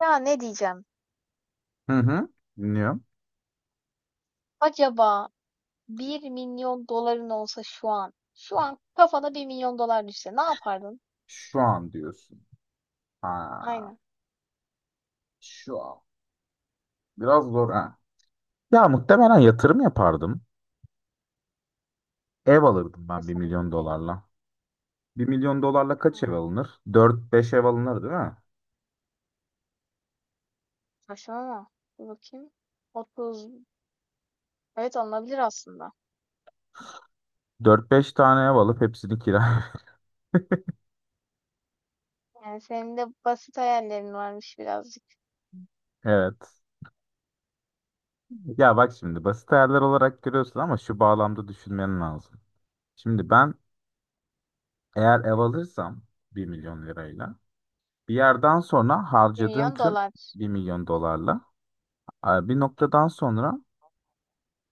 Ya ne diyeceğim? Hı hı. Dinliyorum. Acaba 1 milyon doların olsa şu an kafana 1 milyon dolar düşse ne yapardın? Şu an diyorsun. Ha, Aynen. şu an. Biraz zor ha. Ya muhtemelen yatırım yapardım. Ev alırdım E ben bir senin milyon ne? dolarla. Bir milyon dolarla kaç ev Hmm, alınır? Dört beş ev alınır değil mi? saçmalama. Dur bakayım. 30. Evet alınabilir aslında. Dört beş tane ev alıp hepsini kira. Yani senin de basit hayallerin varmış birazcık. Evet. Ya bak şimdi basit hayaller olarak görüyorsun ama şu bağlamda düşünmen lazım. Şimdi ben eğer ev alırsam bir milyon lirayla bir yerden sonra 1 harcadığım milyon tüm dolar. bir milyon dolarla bir noktadan sonra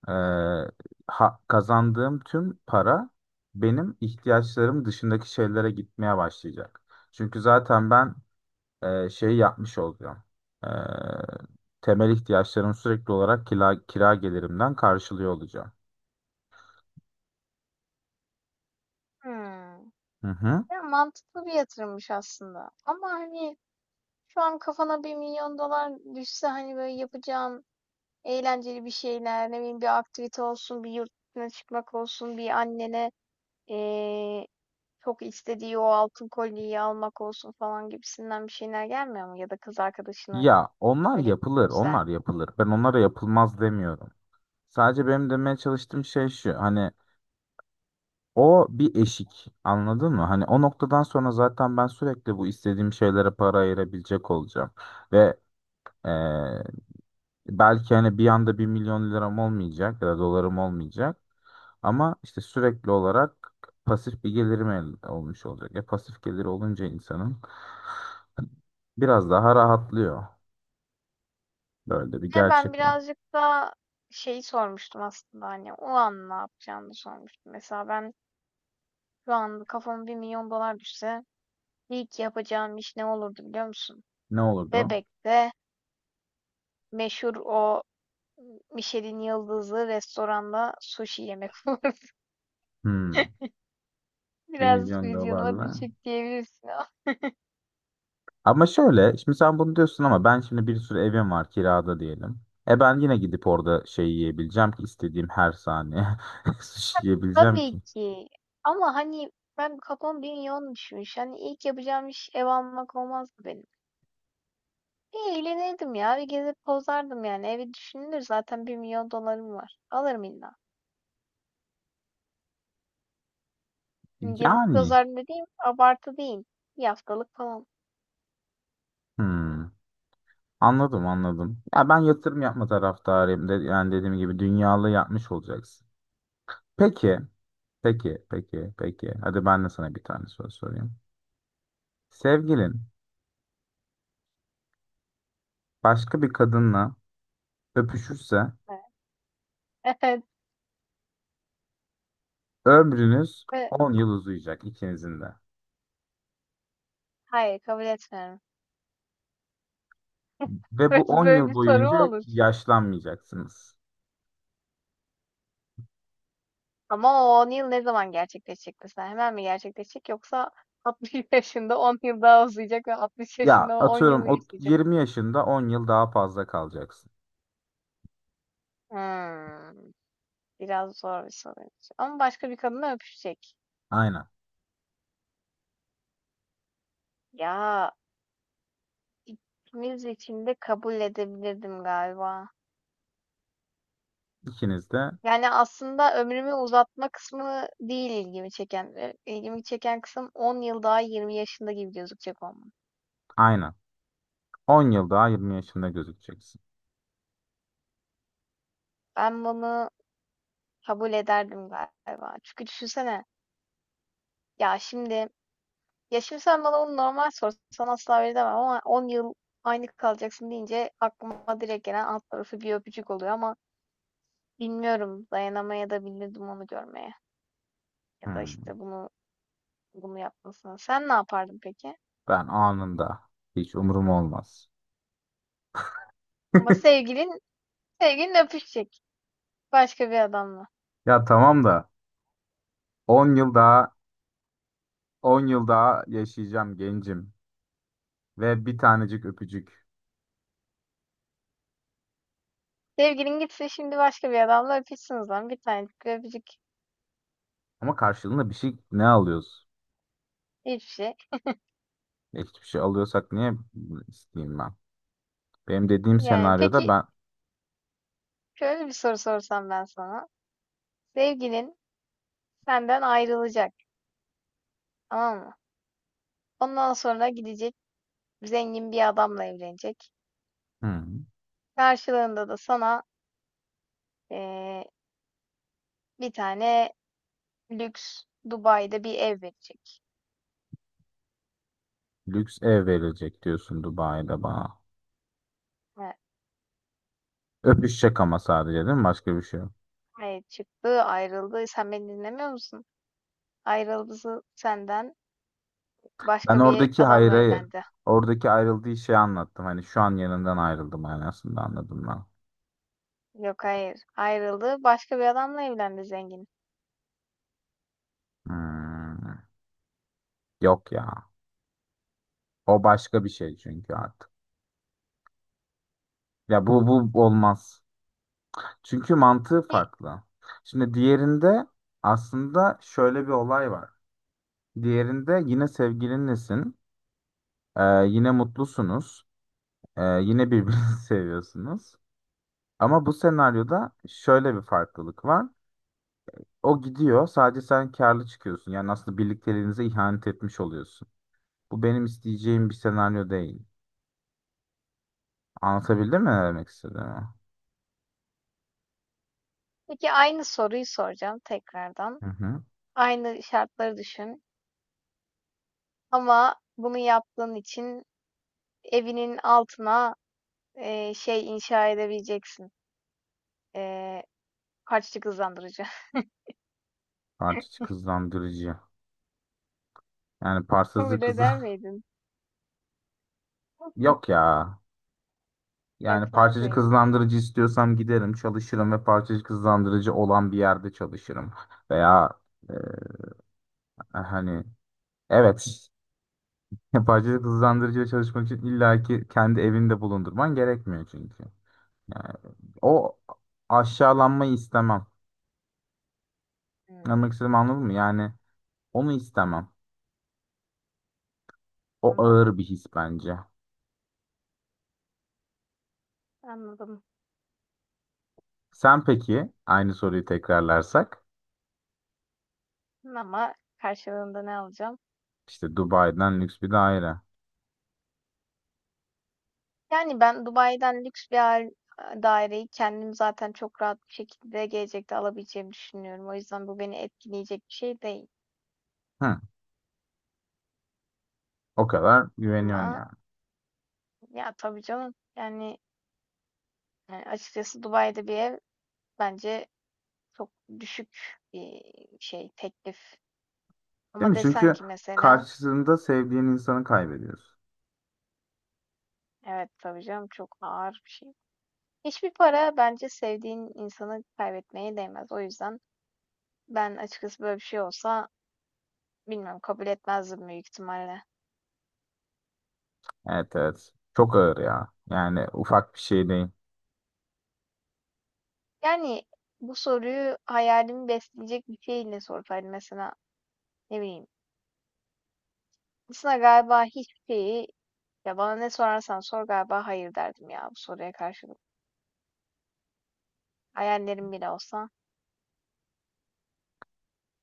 Ee, kazandığım tüm para benim ihtiyaçlarım dışındaki şeylere gitmeye başlayacak. Çünkü zaten ben şey yapmış olacağım. Ee, Temel ihtiyaçlarım sürekli olarak kira gelirimden karşılıyor olacağım. Hmm. Hı hı. Ya mantıklı bir yatırımmış aslında. Ama hani şu an kafana 1 milyon dolar düşse hani böyle yapacağın eğlenceli bir şeyler, ne bileyim, bir aktivite olsun, bir yurt dışına çıkmak olsun, bir annene eee, çok istediği o altın kolyeyi almak olsun falan gibisinden bir şeyler gelmiyor mu? Ya da kız arkadaşını Ya onlar böyle yapılır, güzel. onlar yapılır. Ben onlara yapılmaz demiyorum. Sadece benim demeye çalıştığım şey şu. Hani o bir eşik. Anladın mı? Hani o noktadan sonra zaten ben sürekli bu istediğim şeylere para ayırabilecek olacağım. Ve Ee, belki hani bir anda bir milyon liram olmayacak ya da dolarım olmayacak ama işte sürekli olarak pasif bir gelirim olmuş olacak. E pasif gelir olunca insanın biraz daha rahatlıyor. Böyle de bir Ya ben gerçek var. birazcık da şeyi sormuştum aslında, hani o an ne yapacağımı sormuştum. Mesela ben şu an kafama 1 milyon dolar düşse ilk yapacağım iş ne olurdu biliyor musun? Ne olurdu? Bebek'te meşhur o Michelin yıldızlı restoranda sushi yemek olurdu. Hmm, 1 Biraz milyon vizyonuma dolarla. düşük diyebilirsin Ama şöyle, şimdi sen bunu diyorsun ama ben şimdi bir sürü evim var kirada diyelim. E ben yine gidip orada şey yiyebileceğim ki, istediğim her saniye sushi yiyebileceğim tabii ki. ki. Ama hani ben kafam 1 milyon düşmüş. Hani ilk yapacağım iş ev almak olmazdı benim. Bir eğlenirdim ya. Bir gezip pozardım yani. Evi düşünülür zaten, 1 milyon dolarım var. Alırım illa. Hani gezip Yani. pozardım dediğim abartı değil. Bir haftalık falan. Hmm. Anladım anladım. Ya ben yatırım yapma taraftarıyım. De, yani dediğim gibi dünyalı yapmış olacaksın. Peki, peki. Hadi ben de sana bir tane soru sorayım. Sevgilin başka bir kadınla öpüşürse Evet. ömrünüz Evet. 10 yıl uzayacak ikinizin de. Hayır, kabul etmiyorum. Ve bu 10 Böyle yıl bir soru mu boyunca olur? yaşlanmayacaksınız. Ama o 10 yıl ne zaman gerçekleşecek mesela? Hemen mi gerçekleşecek yoksa 60 yaşında 10 yıl daha uzayacak ve 60 Ya yaşında 10 yıl atıyorum mı o yaşayacak? 20 yaşında 10 yıl daha fazla kalacaksın. Hmm, biraz zor bir soruymuş. Ama başka bir kadınla öpüşecek. Aynen. Ya ikimiz için de kabul edebilirdim galiba. İkiniz de Yani aslında ömrümü uzatma kısmı değil ilgimi çeken. İlgimi çeken kısım 10 yıl daha 20 yaşında gibi gözükecek olmam. aynen. 10 yıl daha 20 yaşında gözükeceksin. Ben bunu kabul ederdim galiba. Çünkü düşünsene, ya şimdi Ya şimdi sen bana onu normal sorsan asla veremem ama 10 yıl aynı kalacaksın deyince aklıma direkt gelen alt tarafı bir öpücük oluyor. Ama bilmiyorum, dayanamaya da bilirdim onu görmeye ya da Hmm. işte bunu yapmasına. Sen ne yapardın peki? Ben anında. Hiç umurum olmaz. Ama sevgilin öpüşecek başka bir adamla. Ya tamam da 10 yıl daha 10 yıl daha yaşayacağım gencim ve bir tanecik öpücük. Sevgilin gitse şimdi başka bir adamla öpüşsün o zaman, bir tane öpücük, Ama karşılığında bir şey ne alıyoruz? hiçbir şey. E, hiçbir şey alıyorsak niye isteyeyim ben? Benim dediğim Yani senaryoda peki ben şöyle bir soru sorsam ben sana. Sevgilin senden ayrılacak, tamam mı? Ondan sonra gidecek, zengin bir adamla evlenecek. hı, Karşılığında da sana eee, bir tane lüks Dubai'de bir ev verecek. lüks ev verilecek diyorsun Dubai'de bana. Evet, Öpüşecek ama sadece değil mi? Başka bir şey yok. evet, çıktı, ayrıldı. Sen beni dinlemiyor musun? Ayrıldı senden, Ben başka bir oradaki hayır adamla hayır. evlendi. Oradaki ayrıldığı şeyi anlattım. Hani şu an yanından ayrıldım manasında anladım ben. Yok, hayır. Ayrıldı, başka bir adamla evlendi, zengin. Hmm, yok ya. O başka bir şey çünkü artık. Ya bu olmaz. Çünkü mantığı Pe- farklı. Şimdi diğerinde aslında şöyle bir olay var. Diğerinde yine sevgilinlesin, yine mutlusunuz, yine birbirinizi seviyorsunuz. Ama bu senaryoda şöyle bir farklılık var. O gidiyor, sadece sen karlı çıkıyorsun. Yani aslında birlikteliğinize ihanet etmiş oluyorsun. Bu benim isteyeceğim bir senaryo değil. Anlatabildim mi ne demek istediğimi? Peki, aynı soruyu soracağım tekrardan. Hı hı. Aynı şartları düşün. Ama bunu yaptığın için evinin altına şey inşa edebileceksin. Eee Kaçlık hızlandırıcı. Artık kızlandırıcı. Yani parçacı Kabul kızı eder miydin? yok ya. Yani Etmez parçacı miydin? kızlandırıcı istiyorsam giderim, çalışırım ve parçacı kızlandırıcı olan bir yerde çalışırım. Veya e, hani evet parçacı kızlandırıcıyla çalışmak için illaki kendi evinde bulundurman gerekmiyor çünkü. Yani o aşağılanmayı istemem. Hımm, Anlamak istediğimi anladın mı? Yani onu istemem. O anladım, ağır bir his bence. anladım. Sen peki aynı soruyu tekrarlarsak Ama karşılığında ne alacağım? işte Dubai'den lüks bir daire. Yani ben Dubai'den lüks bir daireyi kendim zaten çok rahat bir şekilde gelecekte alabileceğimi düşünüyorum. O yüzden bu beni etkileyecek bir şey değil. Hı. O kadar güveniyorsun Ama yani. ya, tabii canım, yani, açıkçası Dubai'de bir ev bence çok düşük bir şey, teklif. Değil Ama mi? desen Çünkü ki mesela, karşısında sevdiğin insanı kaybediyorsun. evet, tabii canım, çok ağır bir şey. Hiçbir para bence sevdiğin insanı kaybetmeye değmez. O yüzden ben açıkçası böyle bir şey olsa bilmiyorum, kabul etmezdim büyük ihtimalle. Evet, evet. Çok ağır ya. Yani ufak bir şey değil. Yani bu soruyu hayalimi besleyecek bir şeyle sorsaydım mesela, ne bileyim. Aslında galiba hiçbir şeyi, ya bana ne sorarsan sor galiba hayır derdim ya bu soruya karşılık. Hayallerim bile olsa.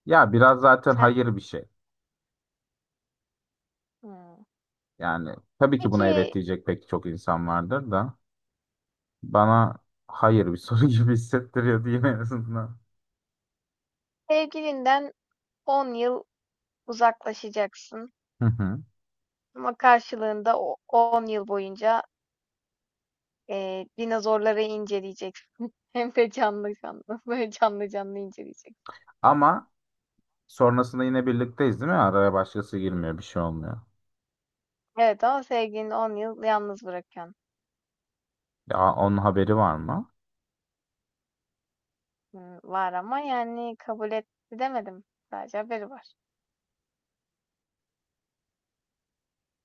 Ya biraz zaten Ha, hayır bir şey. hmm. Yani tabii ki buna evet Peki diyecek pek çok insan vardır da bana hayır bir soru gibi hissettiriyor diyeyim en azından. sevgilinden 10 yıl uzaklaşacaksın Hı hı. ama karşılığında o 10 yıl boyunca dinozorları inceleyeceksin. Hem de canlı canlı. Böyle canlı canlı inceleyeceksin. Ama sonrasında yine birlikteyiz değil mi? Araya başkası girmiyor, bir şey olmuyor. Evet, ama sevgilini 10 yıl yalnız bırakıyorsun. Ya onun haberi var mı? Hmm, var ama yani kabul etti demedim. Sadece haberi var.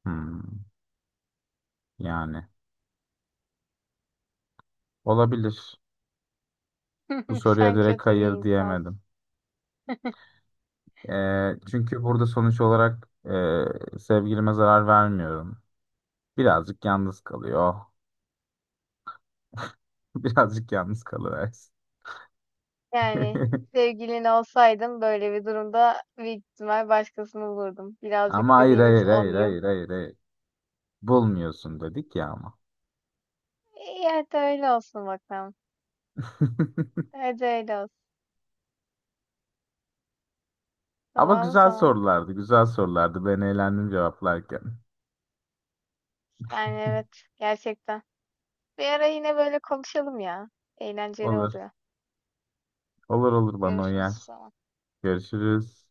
Hmm, yani olabilir. Bu soruya Sen direkt kötü bir hayır insansın. diyemedim. Çünkü burada sonuç olarak sevgilime zarar vermiyorum. Birazcık yalnız kalıyor. Birazcık yalnız kalıversin. Yani sevgilin olsaydım böyle bir durumda büyük ihtimal başkasını bulurdum. Ama Birazcık dediğimiz 10 yıl. Hayır. Bulmuyorsun dedik ya ama. İyi, hadi öyle olsun bakalım. Hadi öyle olsun. Ama Tamam, o güzel zaman. sorulardı, güzel sorulardı. Ben eğlendim cevaplarken. Yani evet, gerçekten. Bir ara yine böyle konuşalım ya. Eğlenceli Olur, oluyor. Olur bana Görüşürüz uyar. o zaman. Görüşürüz.